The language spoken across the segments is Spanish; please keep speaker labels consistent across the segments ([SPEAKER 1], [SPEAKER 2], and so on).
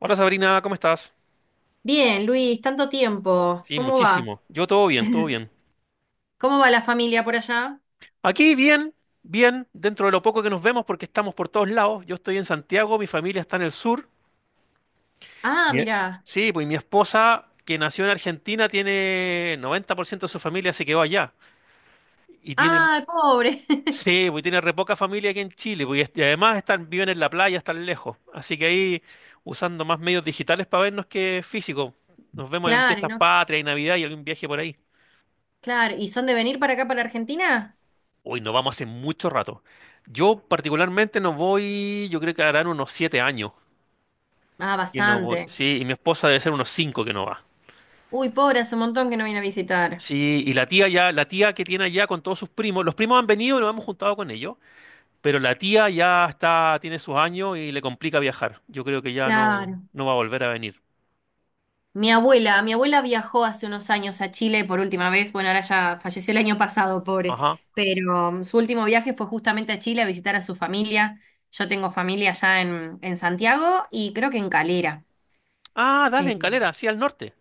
[SPEAKER 1] Hola Sabrina, ¿cómo estás?
[SPEAKER 2] Bien, Luis, tanto tiempo.
[SPEAKER 1] Sí,
[SPEAKER 2] ¿Cómo va?
[SPEAKER 1] muchísimo. Yo todo bien, todo bien.
[SPEAKER 2] ¿Cómo va la familia por allá?
[SPEAKER 1] Aquí bien, bien, dentro de lo poco que nos vemos porque estamos por todos lados. Yo estoy en Santiago, mi familia está en el sur.
[SPEAKER 2] Ah,
[SPEAKER 1] Bien.
[SPEAKER 2] mira.
[SPEAKER 1] Sí, pues mi esposa, que nació en Argentina, tiene 90% de su familia se quedó allá. Y tiene,
[SPEAKER 2] Ah, pobre.
[SPEAKER 1] sí, pues tiene re poca familia aquí en Chile. Pues, y además están, viven en la playa, están lejos. Así que ahí usando más medios digitales para vernos que físicos. Nos vemos en
[SPEAKER 2] Claro, y
[SPEAKER 1] fiestas
[SPEAKER 2] no,
[SPEAKER 1] patrias y Navidad y algún viaje por ahí.
[SPEAKER 2] claro. ¿Y son de venir para acá, para Argentina?
[SPEAKER 1] Uy, no vamos hace mucho rato. Yo particularmente no voy, yo creo que harán unos 7 años
[SPEAKER 2] Ah,
[SPEAKER 1] que no voy.
[SPEAKER 2] bastante.
[SPEAKER 1] Sí, y mi esposa debe ser unos cinco que no va.
[SPEAKER 2] Uy, pobre, hace un montón que no viene a visitar.
[SPEAKER 1] Sí, y la tía que tiene allá con todos sus primos, los primos han venido y nos hemos juntado con ellos, pero la tía ya está, tiene sus años y le complica viajar. Yo creo que ya no,
[SPEAKER 2] Claro.
[SPEAKER 1] no va a volver a venir.
[SPEAKER 2] Mi abuela viajó hace unos años a Chile por última vez. Bueno, ahora ya falleció el año pasado, pobre.
[SPEAKER 1] Ajá.
[SPEAKER 2] Pero su último viaje fue justamente a Chile a visitar a su familia. Yo tengo familia allá en Santiago y creo que en Calera.
[SPEAKER 1] Ah, dale, en
[SPEAKER 2] Eh,
[SPEAKER 1] Calera, sí, al norte.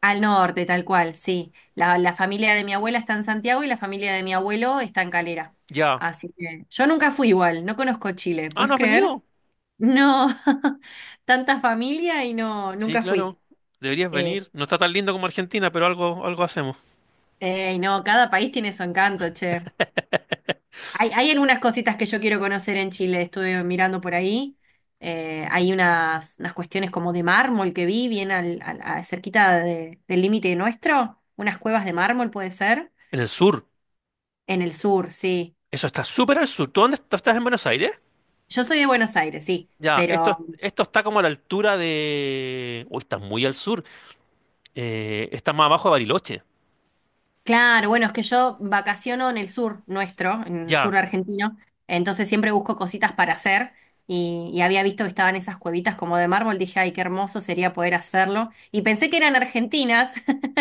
[SPEAKER 2] Al norte, tal cual, sí. La familia de mi abuela está en Santiago y la familia de mi abuelo está en Calera.
[SPEAKER 1] Ya.
[SPEAKER 2] Así que yo nunca fui igual, no conozco Chile,
[SPEAKER 1] Ah,
[SPEAKER 2] ¿puedes
[SPEAKER 1] ¿no has
[SPEAKER 2] creer?
[SPEAKER 1] venido?
[SPEAKER 2] No, tanta familia y no,
[SPEAKER 1] Sí,
[SPEAKER 2] nunca fui.
[SPEAKER 1] claro. Deberías
[SPEAKER 2] Eh,
[SPEAKER 1] venir. No está tan lindo como Argentina, pero algo, algo hacemos.
[SPEAKER 2] ey, no, cada país tiene su encanto, che. Hay algunas cositas que yo quiero conocer en Chile, estuve mirando por ahí. Hay unas cuestiones como de mármol que vi, bien cerquita del límite nuestro, unas cuevas de mármol puede ser.
[SPEAKER 1] En el sur.
[SPEAKER 2] En el sur, sí.
[SPEAKER 1] Eso está súper al sur. ¿Tú dónde tú estás en Buenos Aires?
[SPEAKER 2] Yo soy de Buenos Aires, sí,
[SPEAKER 1] Ya,
[SPEAKER 2] pero
[SPEAKER 1] esto está como a la altura de... Uy, está muy al sur. Está más abajo de Bariloche.
[SPEAKER 2] claro, bueno, es que yo vacaciono en el sur nuestro, en el
[SPEAKER 1] Ya.
[SPEAKER 2] sur argentino, entonces siempre busco cositas para hacer y había visto que estaban esas cuevitas como de mármol, dije, ay, qué hermoso sería poder hacerlo y pensé que eran argentinas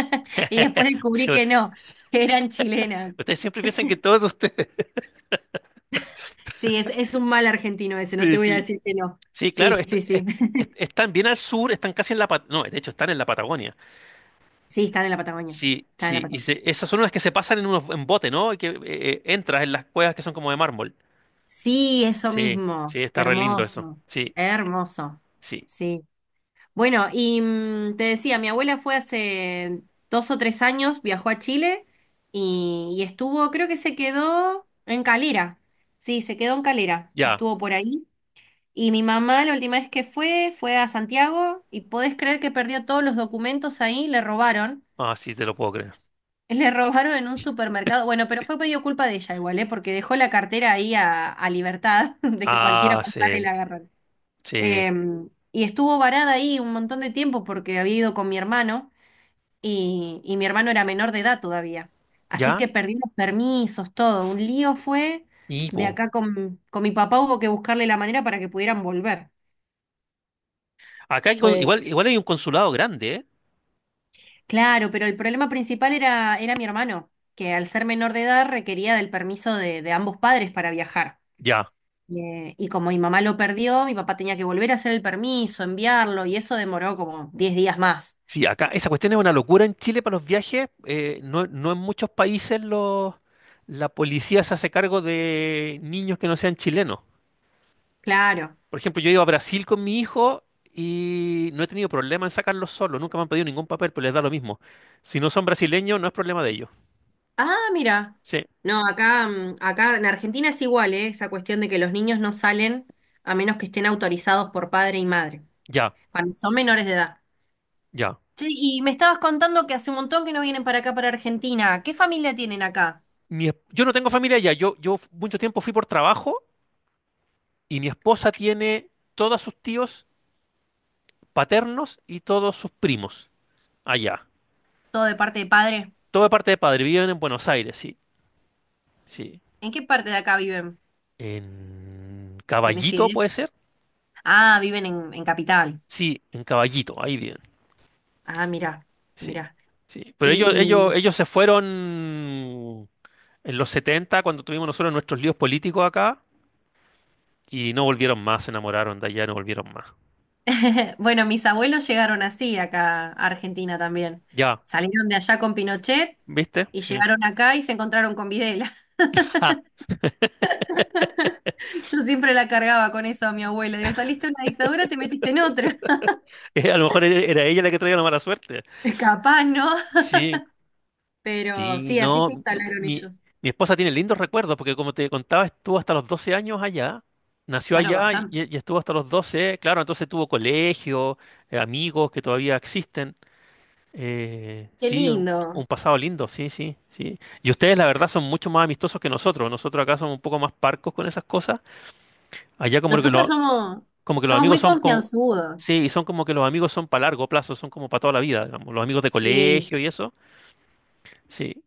[SPEAKER 2] y después descubrí que no, que eran chilenas.
[SPEAKER 1] Ustedes siempre piensan que todos ustedes...
[SPEAKER 2] Sí, es un mal argentino ese, no
[SPEAKER 1] Sí,
[SPEAKER 2] te voy a
[SPEAKER 1] sí.
[SPEAKER 2] decir que no.
[SPEAKER 1] Sí,
[SPEAKER 2] Sí,
[SPEAKER 1] claro,
[SPEAKER 2] sí, sí.
[SPEAKER 1] están bien al sur, están casi en la... No, de hecho, están en la Patagonia.
[SPEAKER 2] Sí, están en la Patagonia,
[SPEAKER 1] Sí,
[SPEAKER 2] están en la
[SPEAKER 1] sí. Y
[SPEAKER 2] Patagonia.
[SPEAKER 1] esas son las que se pasan en bote, ¿no? Y que entras en las cuevas que son como de mármol.
[SPEAKER 2] Sí, eso
[SPEAKER 1] Sí,
[SPEAKER 2] mismo,
[SPEAKER 1] sí, está re lindo eso.
[SPEAKER 2] hermoso,
[SPEAKER 1] Sí,
[SPEAKER 2] hermoso.
[SPEAKER 1] sí.
[SPEAKER 2] Sí. Bueno, y te decía, mi abuela fue hace 2 o 3 años, viajó a Chile y estuvo, creo que se quedó en Calera. Sí, se quedó en Calera,
[SPEAKER 1] Ya.
[SPEAKER 2] estuvo por ahí. Y mi mamá la última vez que fue, fue a Santiago y podés creer que perdió todos los documentos ahí, le robaron.
[SPEAKER 1] Ah, sí, te lo puedo creer.
[SPEAKER 2] Le robaron en un supermercado. Bueno, pero fue medio culpa de ella igual, ¿eh? Porque dejó la cartera ahí a libertad de que cualquiera
[SPEAKER 1] Ah,
[SPEAKER 2] pasara y
[SPEAKER 1] sí.
[SPEAKER 2] la agarrara.
[SPEAKER 1] Sí,
[SPEAKER 2] Y estuvo varada ahí un montón de tiempo porque había ido con mi hermano y mi hermano era menor de edad todavía. Así
[SPEAKER 1] ya,
[SPEAKER 2] que perdí los permisos, todo. Un lío fue.
[SPEAKER 1] y
[SPEAKER 2] De
[SPEAKER 1] po.
[SPEAKER 2] acá con mi papá hubo que buscarle la manera para que pudieran volver.
[SPEAKER 1] Acá
[SPEAKER 2] Fue.
[SPEAKER 1] igual, igual hay un consulado grande, ¿eh?
[SPEAKER 2] Claro, pero el problema principal era mi hermano, que al ser menor de edad requería del permiso de ambos padres para viajar.
[SPEAKER 1] Ya.
[SPEAKER 2] Y como mi mamá lo perdió, mi papá tenía que volver a hacer el permiso, enviarlo, y eso demoró como 10 días más.
[SPEAKER 1] Sí, acá esa cuestión es una locura en Chile para los viajes. No, no en muchos países la policía se hace cargo de niños que no sean chilenos.
[SPEAKER 2] Claro.
[SPEAKER 1] Por ejemplo, yo he ido a Brasil con mi hijo y no he tenido problema en sacarlos solo. Nunca me han pedido ningún papel, pero les da lo mismo. Si no son brasileños, no es problema de ellos.
[SPEAKER 2] Ah, mira.
[SPEAKER 1] Sí,
[SPEAKER 2] No, acá, acá en Argentina es igual, ¿eh? Esa cuestión de que los niños no salen a menos que estén autorizados por padre y madre,
[SPEAKER 1] ya,
[SPEAKER 2] cuando son menores de edad.
[SPEAKER 1] ya.
[SPEAKER 2] Sí, y me estabas contando que hace un montón que no vienen para acá, para Argentina. ¿Qué familia tienen acá?
[SPEAKER 1] Yo no tengo familia allá. Mucho tiempo fui por trabajo y mi esposa tiene todos sus tíos paternos y todos sus primos allá.
[SPEAKER 2] ¿Todo de parte de padre?
[SPEAKER 1] Todo de parte de padre, viven en Buenos Aires, sí, sí.
[SPEAKER 2] ¿En qué parte de acá viven?
[SPEAKER 1] En
[SPEAKER 2] ¿Tenés
[SPEAKER 1] Caballito,
[SPEAKER 2] idea?
[SPEAKER 1] ¿puede ser?
[SPEAKER 2] Ah, viven en Capital.
[SPEAKER 1] Sí, en Caballito, ahí viven,
[SPEAKER 2] Ah, mira,
[SPEAKER 1] sí,
[SPEAKER 2] mira.
[SPEAKER 1] sí. Pero ellos, ellos,
[SPEAKER 2] ¿Y,
[SPEAKER 1] ellos se fueron en los 70 cuando tuvimos nosotros nuestros líos políticos acá, y no volvieron más, se enamoraron de allá, no volvieron más.
[SPEAKER 2] bueno, mis abuelos llegaron así acá a Argentina también.
[SPEAKER 1] Ya,
[SPEAKER 2] Salieron de allá con Pinochet
[SPEAKER 1] ¿viste?
[SPEAKER 2] y
[SPEAKER 1] Sí.
[SPEAKER 2] llegaron acá y se encontraron con Videla.
[SPEAKER 1] Ah,
[SPEAKER 2] Yo siempre la cargaba con eso a mi abuela. Digo, saliste de una dictadura, te metiste en otra.
[SPEAKER 1] a lo mejor era ella la que traía la mala suerte.
[SPEAKER 2] Capaz, ¿no?
[SPEAKER 1] Sí,
[SPEAKER 2] Pero
[SPEAKER 1] sí,
[SPEAKER 2] sí, así se
[SPEAKER 1] no, mi,
[SPEAKER 2] instalaron
[SPEAKER 1] mi-
[SPEAKER 2] ellos.
[SPEAKER 1] mi esposa tiene lindos recuerdos porque como te contaba, estuvo hasta los 12 años allá, nació
[SPEAKER 2] Claro,
[SPEAKER 1] allá y,
[SPEAKER 2] bastante.
[SPEAKER 1] y estuvo hasta los 12. Claro, entonces tuvo colegio, amigos que todavía existen. eh,
[SPEAKER 2] Qué
[SPEAKER 1] sí, un,
[SPEAKER 2] lindo.
[SPEAKER 1] un pasado lindo, sí, sí, sí. Y ustedes la verdad son mucho más amistosos que nosotros acá somos un poco más parcos con esas cosas, allá como que,
[SPEAKER 2] Nosotros somos,
[SPEAKER 1] como que los
[SPEAKER 2] somos
[SPEAKER 1] amigos
[SPEAKER 2] muy
[SPEAKER 1] son como...
[SPEAKER 2] confianzudos.
[SPEAKER 1] Sí, y son como que los amigos son para largo plazo, son como para toda la vida, digamos, los amigos de
[SPEAKER 2] Sí.
[SPEAKER 1] colegio y eso. Sí,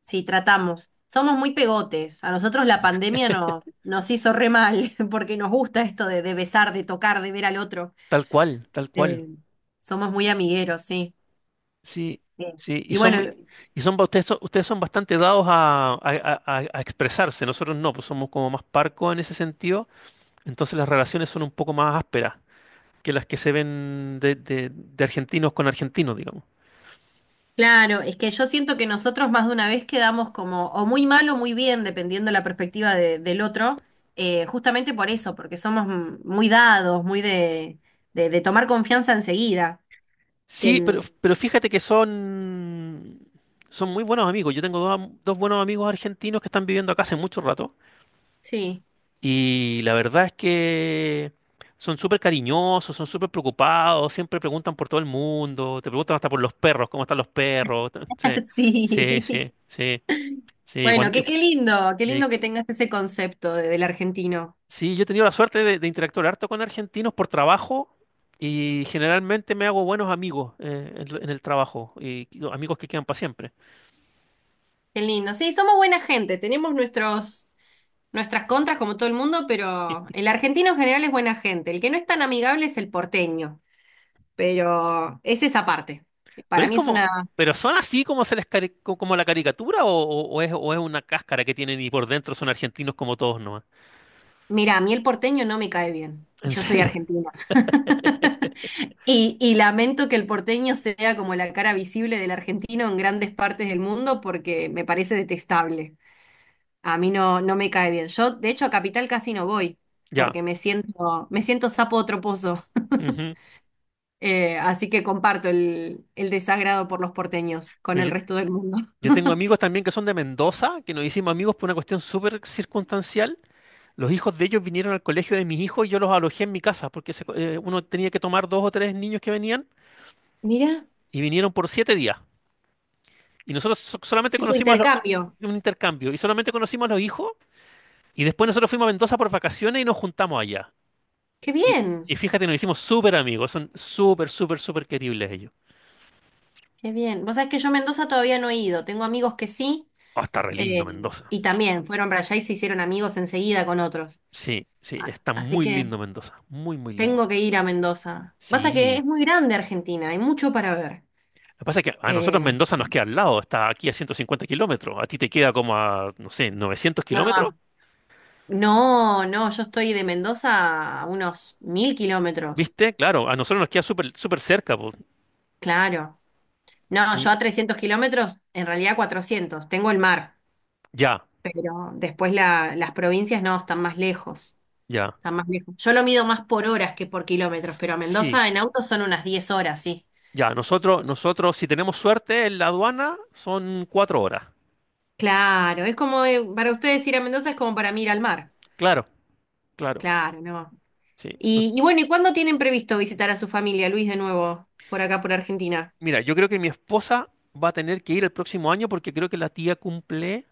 [SPEAKER 2] Sí, tratamos. Somos muy pegotes. A nosotros la pandemia nos hizo re mal, porque nos gusta esto de besar, de tocar, de ver al otro.
[SPEAKER 1] tal cual, tal
[SPEAKER 2] Eh,
[SPEAKER 1] cual.
[SPEAKER 2] Somos muy amigueros, sí.
[SPEAKER 1] Sí,
[SPEAKER 2] Sí.
[SPEAKER 1] sí,
[SPEAKER 2] Y bueno,
[SPEAKER 1] y son, ba- ustedes son bastante dados a expresarse, nosotros no, pues somos como más parcos en ese sentido, entonces las relaciones son un poco más ásperas que las que se ven de argentinos con argentinos, digamos.
[SPEAKER 2] claro, es que yo siento que nosotros más de una vez quedamos como o muy mal o muy bien, dependiendo la perspectiva del otro, justamente por eso, porque somos muy dados, muy de tomar confianza enseguida. Que,
[SPEAKER 1] Sí, pero, sí.
[SPEAKER 2] en-
[SPEAKER 1] Pero fíjate que son muy buenos amigos, yo tengo dos buenos amigos argentinos que están viviendo acá hace mucho rato.
[SPEAKER 2] sí,
[SPEAKER 1] Y la verdad es que son súper cariñosos, son súper preocupados, siempre preguntan por todo el mundo, te preguntan hasta por los perros, cómo están los perros. t- Sí, sí,
[SPEAKER 2] sí.
[SPEAKER 1] sí, sí. Sí,
[SPEAKER 2] Bueno, qué, qué lindo, qué
[SPEAKER 1] y-
[SPEAKER 2] lindo que tengas ese concepto del argentino.
[SPEAKER 1] sí, yo he tenido la suerte de interactuar harto con argentinos por trabajo y generalmente me hago buenos amigos en el trabajo y amigos que quedan para siempre.
[SPEAKER 2] Qué lindo. Sí, somos buena gente, tenemos nuestras contras como todo el mundo, pero el argentino en general es buena gente. El que no es tan amigable es el porteño, pero es esa parte. Para mí es una...
[SPEAKER 1] Pero son así como se les como la caricatura o es una cáscara que tienen y por dentro son argentinos como todos nomás.
[SPEAKER 2] Mira, a mí el porteño no me cae bien y
[SPEAKER 1] ¿En
[SPEAKER 2] yo soy
[SPEAKER 1] serio?
[SPEAKER 2] argentina. Y lamento que el porteño sea como la cara visible del argentino en grandes partes del mundo porque me parece detestable. A mí no, no me cae bien. Yo, de hecho, a Capital casi no voy,
[SPEAKER 1] Ya.
[SPEAKER 2] porque me siento sapo de otro pozo.
[SPEAKER 1] Ujú.
[SPEAKER 2] Así que comparto el desagrado por los porteños con el
[SPEAKER 1] Mira, yo,
[SPEAKER 2] resto del mundo.
[SPEAKER 1] yo tengo amigos también que son de Mendoza, que nos hicimos amigos por una cuestión súper circunstancial. Los hijos de ellos vinieron al colegio de mis hijos y yo los alojé en mi casa, porque uno tenía que tomar dos o tres niños que venían
[SPEAKER 2] Mira,
[SPEAKER 1] y vinieron por 7 días. Y nosotros solamente
[SPEAKER 2] tipo
[SPEAKER 1] conocimos
[SPEAKER 2] intercambio.
[SPEAKER 1] un intercambio y solamente conocimos a los hijos y después nosotros fuimos a Mendoza por vacaciones y nos juntamos allá.
[SPEAKER 2] Qué
[SPEAKER 1] Y,
[SPEAKER 2] bien,
[SPEAKER 1] y fíjate, nos hicimos súper amigos, son súper, súper, súper queribles ellos.
[SPEAKER 2] qué bien. Vos sabés que yo a Mendoza todavía no he ido. Tengo amigos que sí,
[SPEAKER 1] Oh, está re lindo Mendoza.
[SPEAKER 2] y también fueron para allá y se hicieron amigos enseguida con otros.
[SPEAKER 1] Sí, sí,
[SPEAKER 2] A-
[SPEAKER 1] está
[SPEAKER 2] Así
[SPEAKER 1] muy
[SPEAKER 2] que
[SPEAKER 1] lindo Mendoza, muy, muy lindo.
[SPEAKER 2] tengo que ir a Mendoza. Pasa que
[SPEAKER 1] Sí.
[SPEAKER 2] es muy grande Argentina, hay mucho para ver.
[SPEAKER 1] Lo que pasa es que a nosotros
[SPEAKER 2] Eh,
[SPEAKER 1] Mendoza nos queda al lado, está aquí a 150 km, a ti te queda como a, no sé, 900 km,
[SPEAKER 2] no, No, no, yo estoy de Mendoza a unos 1000 kilómetros,
[SPEAKER 1] ¿viste? Claro, a nosotros nos queda súper súper cerca, po.
[SPEAKER 2] claro. No, yo
[SPEAKER 1] Sí,
[SPEAKER 2] a 300 kilómetros, en realidad 400. Tengo el mar,
[SPEAKER 1] ya,
[SPEAKER 2] pero después las provincias no, están más lejos,
[SPEAKER 1] ya,
[SPEAKER 2] están más lejos. Yo lo mido más por horas que por kilómetros, pero a
[SPEAKER 1] sí,
[SPEAKER 2] Mendoza en auto son unas 10 horas, sí.
[SPEAKER 1] ya, nosotros si tenemos suerte en la aduana son 4 horas,
[SPEAKER 2] Claro, es como, para ustedes ir a Mendoza es como para mí ir al mar,
[SPEAKER 1] claro, claro,
[SPEAKER 2] claro, no.
[SPEAKER 1] sí.
[SPEAKER 2] Y bueno, ¿y cuándo tienen previsto visitar a su familia, Luis, de nuevo, por acá, por Argentina?
[SPEAKER 1] Mira, yo creo que mi esposa va a tener que ir el próximo año porque creo que la tía cumple.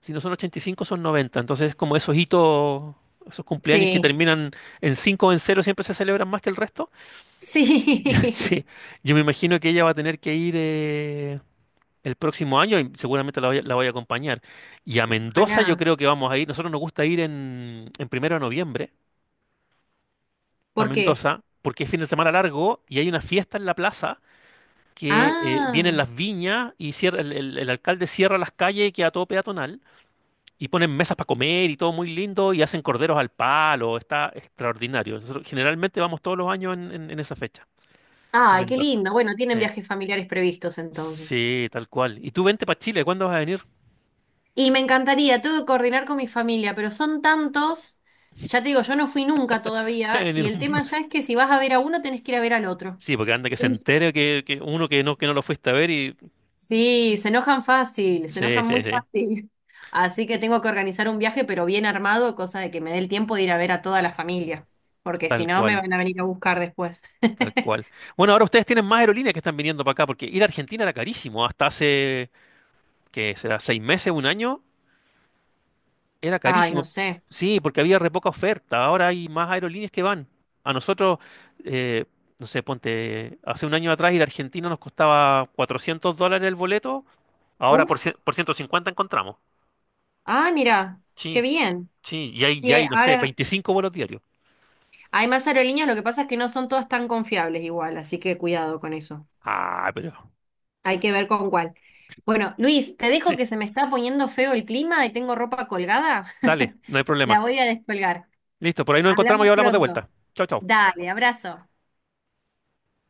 [SPEAKER 1] Si no son 85, son 90. Entonces, como esos hitos, esos cumpleaños que
[SPEAKER 2] Sí,
[SPEAKER 1] terminan en 5 o en cero siempre se celebran más que el resto.
[SPEAKER 2] sí.
[SPEAKER 1] Sí, yo me imagino que ella va a tener que ir el próximo año y seguramente a la voy a acompañar. Y a Mendoza yo
[SPEAKER 2] Ojalá.
[SPEAKER 1] creo que vamos a ir. Nosotros nos gusta ir en 1 de noviembre a
[SPEAKER 2] ¿Por qué?
[SPEAKER 1] Mendoza porque es fin de semana largo y hay una fiesta en la plaza que vienen
[SPEAKER 2] Ah,
[SPEAKER 1] las viñas y el alcalde cierra las calles y queda todo peatonal. Y ponen mesas para comer y todo muy lindo y hacen corderos al palo, está extraordinario. Nosotros generalmente vamos todos los años en esa fecha a
[SPEAKER 2] ay, qué
[SPEAKER 1] Mendoza.
[SPEAKER 2] lindo. Bueno, tienen
[SPEAKER 1] Sí.
[SPEAKER 2] viajes familiares previstos entonces.
[SPEAKER 1] Sí, tal cual. ¿Y tú vente para Chile? ¿Cuándo vas a venir?
[SPEAKER 2] Y me encantaría, tengo que coordinar con mi familia, pero son tantos, ya te digo, yo no fui nunca todavía,
[SPEAKER 1] En
[SPEAKER 2] y el
[SPEAKER 1] un
[SPEAKER 2] tema ya
[SPEAKER 1] mes.
[SPEAKER 2] es que si vas a ver a uno, tenés que ir a ver al otro.
[SPEAKER 1] Sí, porque anda que se
[SPEAKER 2] Sí,
[SPEAKER 1] entere que uno que no lo fuiste a ver y...
[SPEAKER 2] sí, se enojan fácil, se
[SPEAKER 1] Sí,
[SPEAKER 2] enojan
[SPEAKER 1] sí,
[SPEAKER 2] muy
[SPEAKER 1] sí,
[SPEAKER 2] fácil. Así que tengo que organizar un viaje, pero bien armado, cosa de que me dé el tiempo de ir a ver a toda la familia, porque si
[SPEAKER 1] tal
[SPEAKER 2] no, me
[SPEAKER 1] cual,
[SPEAKER 2] van a venir a buscar después.
[SPEAKER 1] tal cual. Bueno, ahora ustedes tienen más aerolíneas que están viniendo para acá porque ir a Argentina era carísimo. Hasta hace, ¿qué será? ¿6 meses, un año? Era
[SPEAKER 2] Ay, no
[SPEAKER 1] carísimo.
[SPEAKER 2] sé.
[SPEAKER 1] Sí, porque había re poca oferta. Ahora hay más aerolíneas que van. A nosotros, eh, no sé, ponte, hace un año atrás ir a Argentina nos costaba $400 el boleto, ahora por, cien-
[SPEAKER 2] Uf.
[SPEAKER 1] por 150 encontramos.
[SPEAKER 2] Ah, mira, qué
[SPEAKER 1] Sí,
[SPEAKER 2] bien.
[SPEAKER 1] sí, y hay, y
[SPEAKER 2] Y
[SPEAKER 1] hay, no sé,
[SPEAKER 2] ahora
[SPEAKER 1] 25 vuelos diarios.
[SPEAKER 2] hay más aerolíneas, lo que pasa es que no son todas tan confiables igual, así que cuidado con eso.
[SPEAKER 1] Ah, pero...
[SPEAKER 2] Hay que ver con cuál. Bueno, Luis, te
[SPEAKER 1] Sí,
[SPEAKER 2] dejo que se me está poniendo feo el clima y tengo ropa colgada.
[SPEAKER 1] dale, no hay
[SPEAKER 2] La
[SPEAKER 1] problema.
[SPEAKER 2] voy a descolgar.
[SPEAKER 1] Listo, por ahí nos encontramos
[SPEAKER 2] Hablamos
[SPEAKER 1] y hablamos de
[SPEAKER 2] pronto.
[SPEAKER 1] vuelta. Chao, chao.
[SPEAKER 2] Dale, abrazo.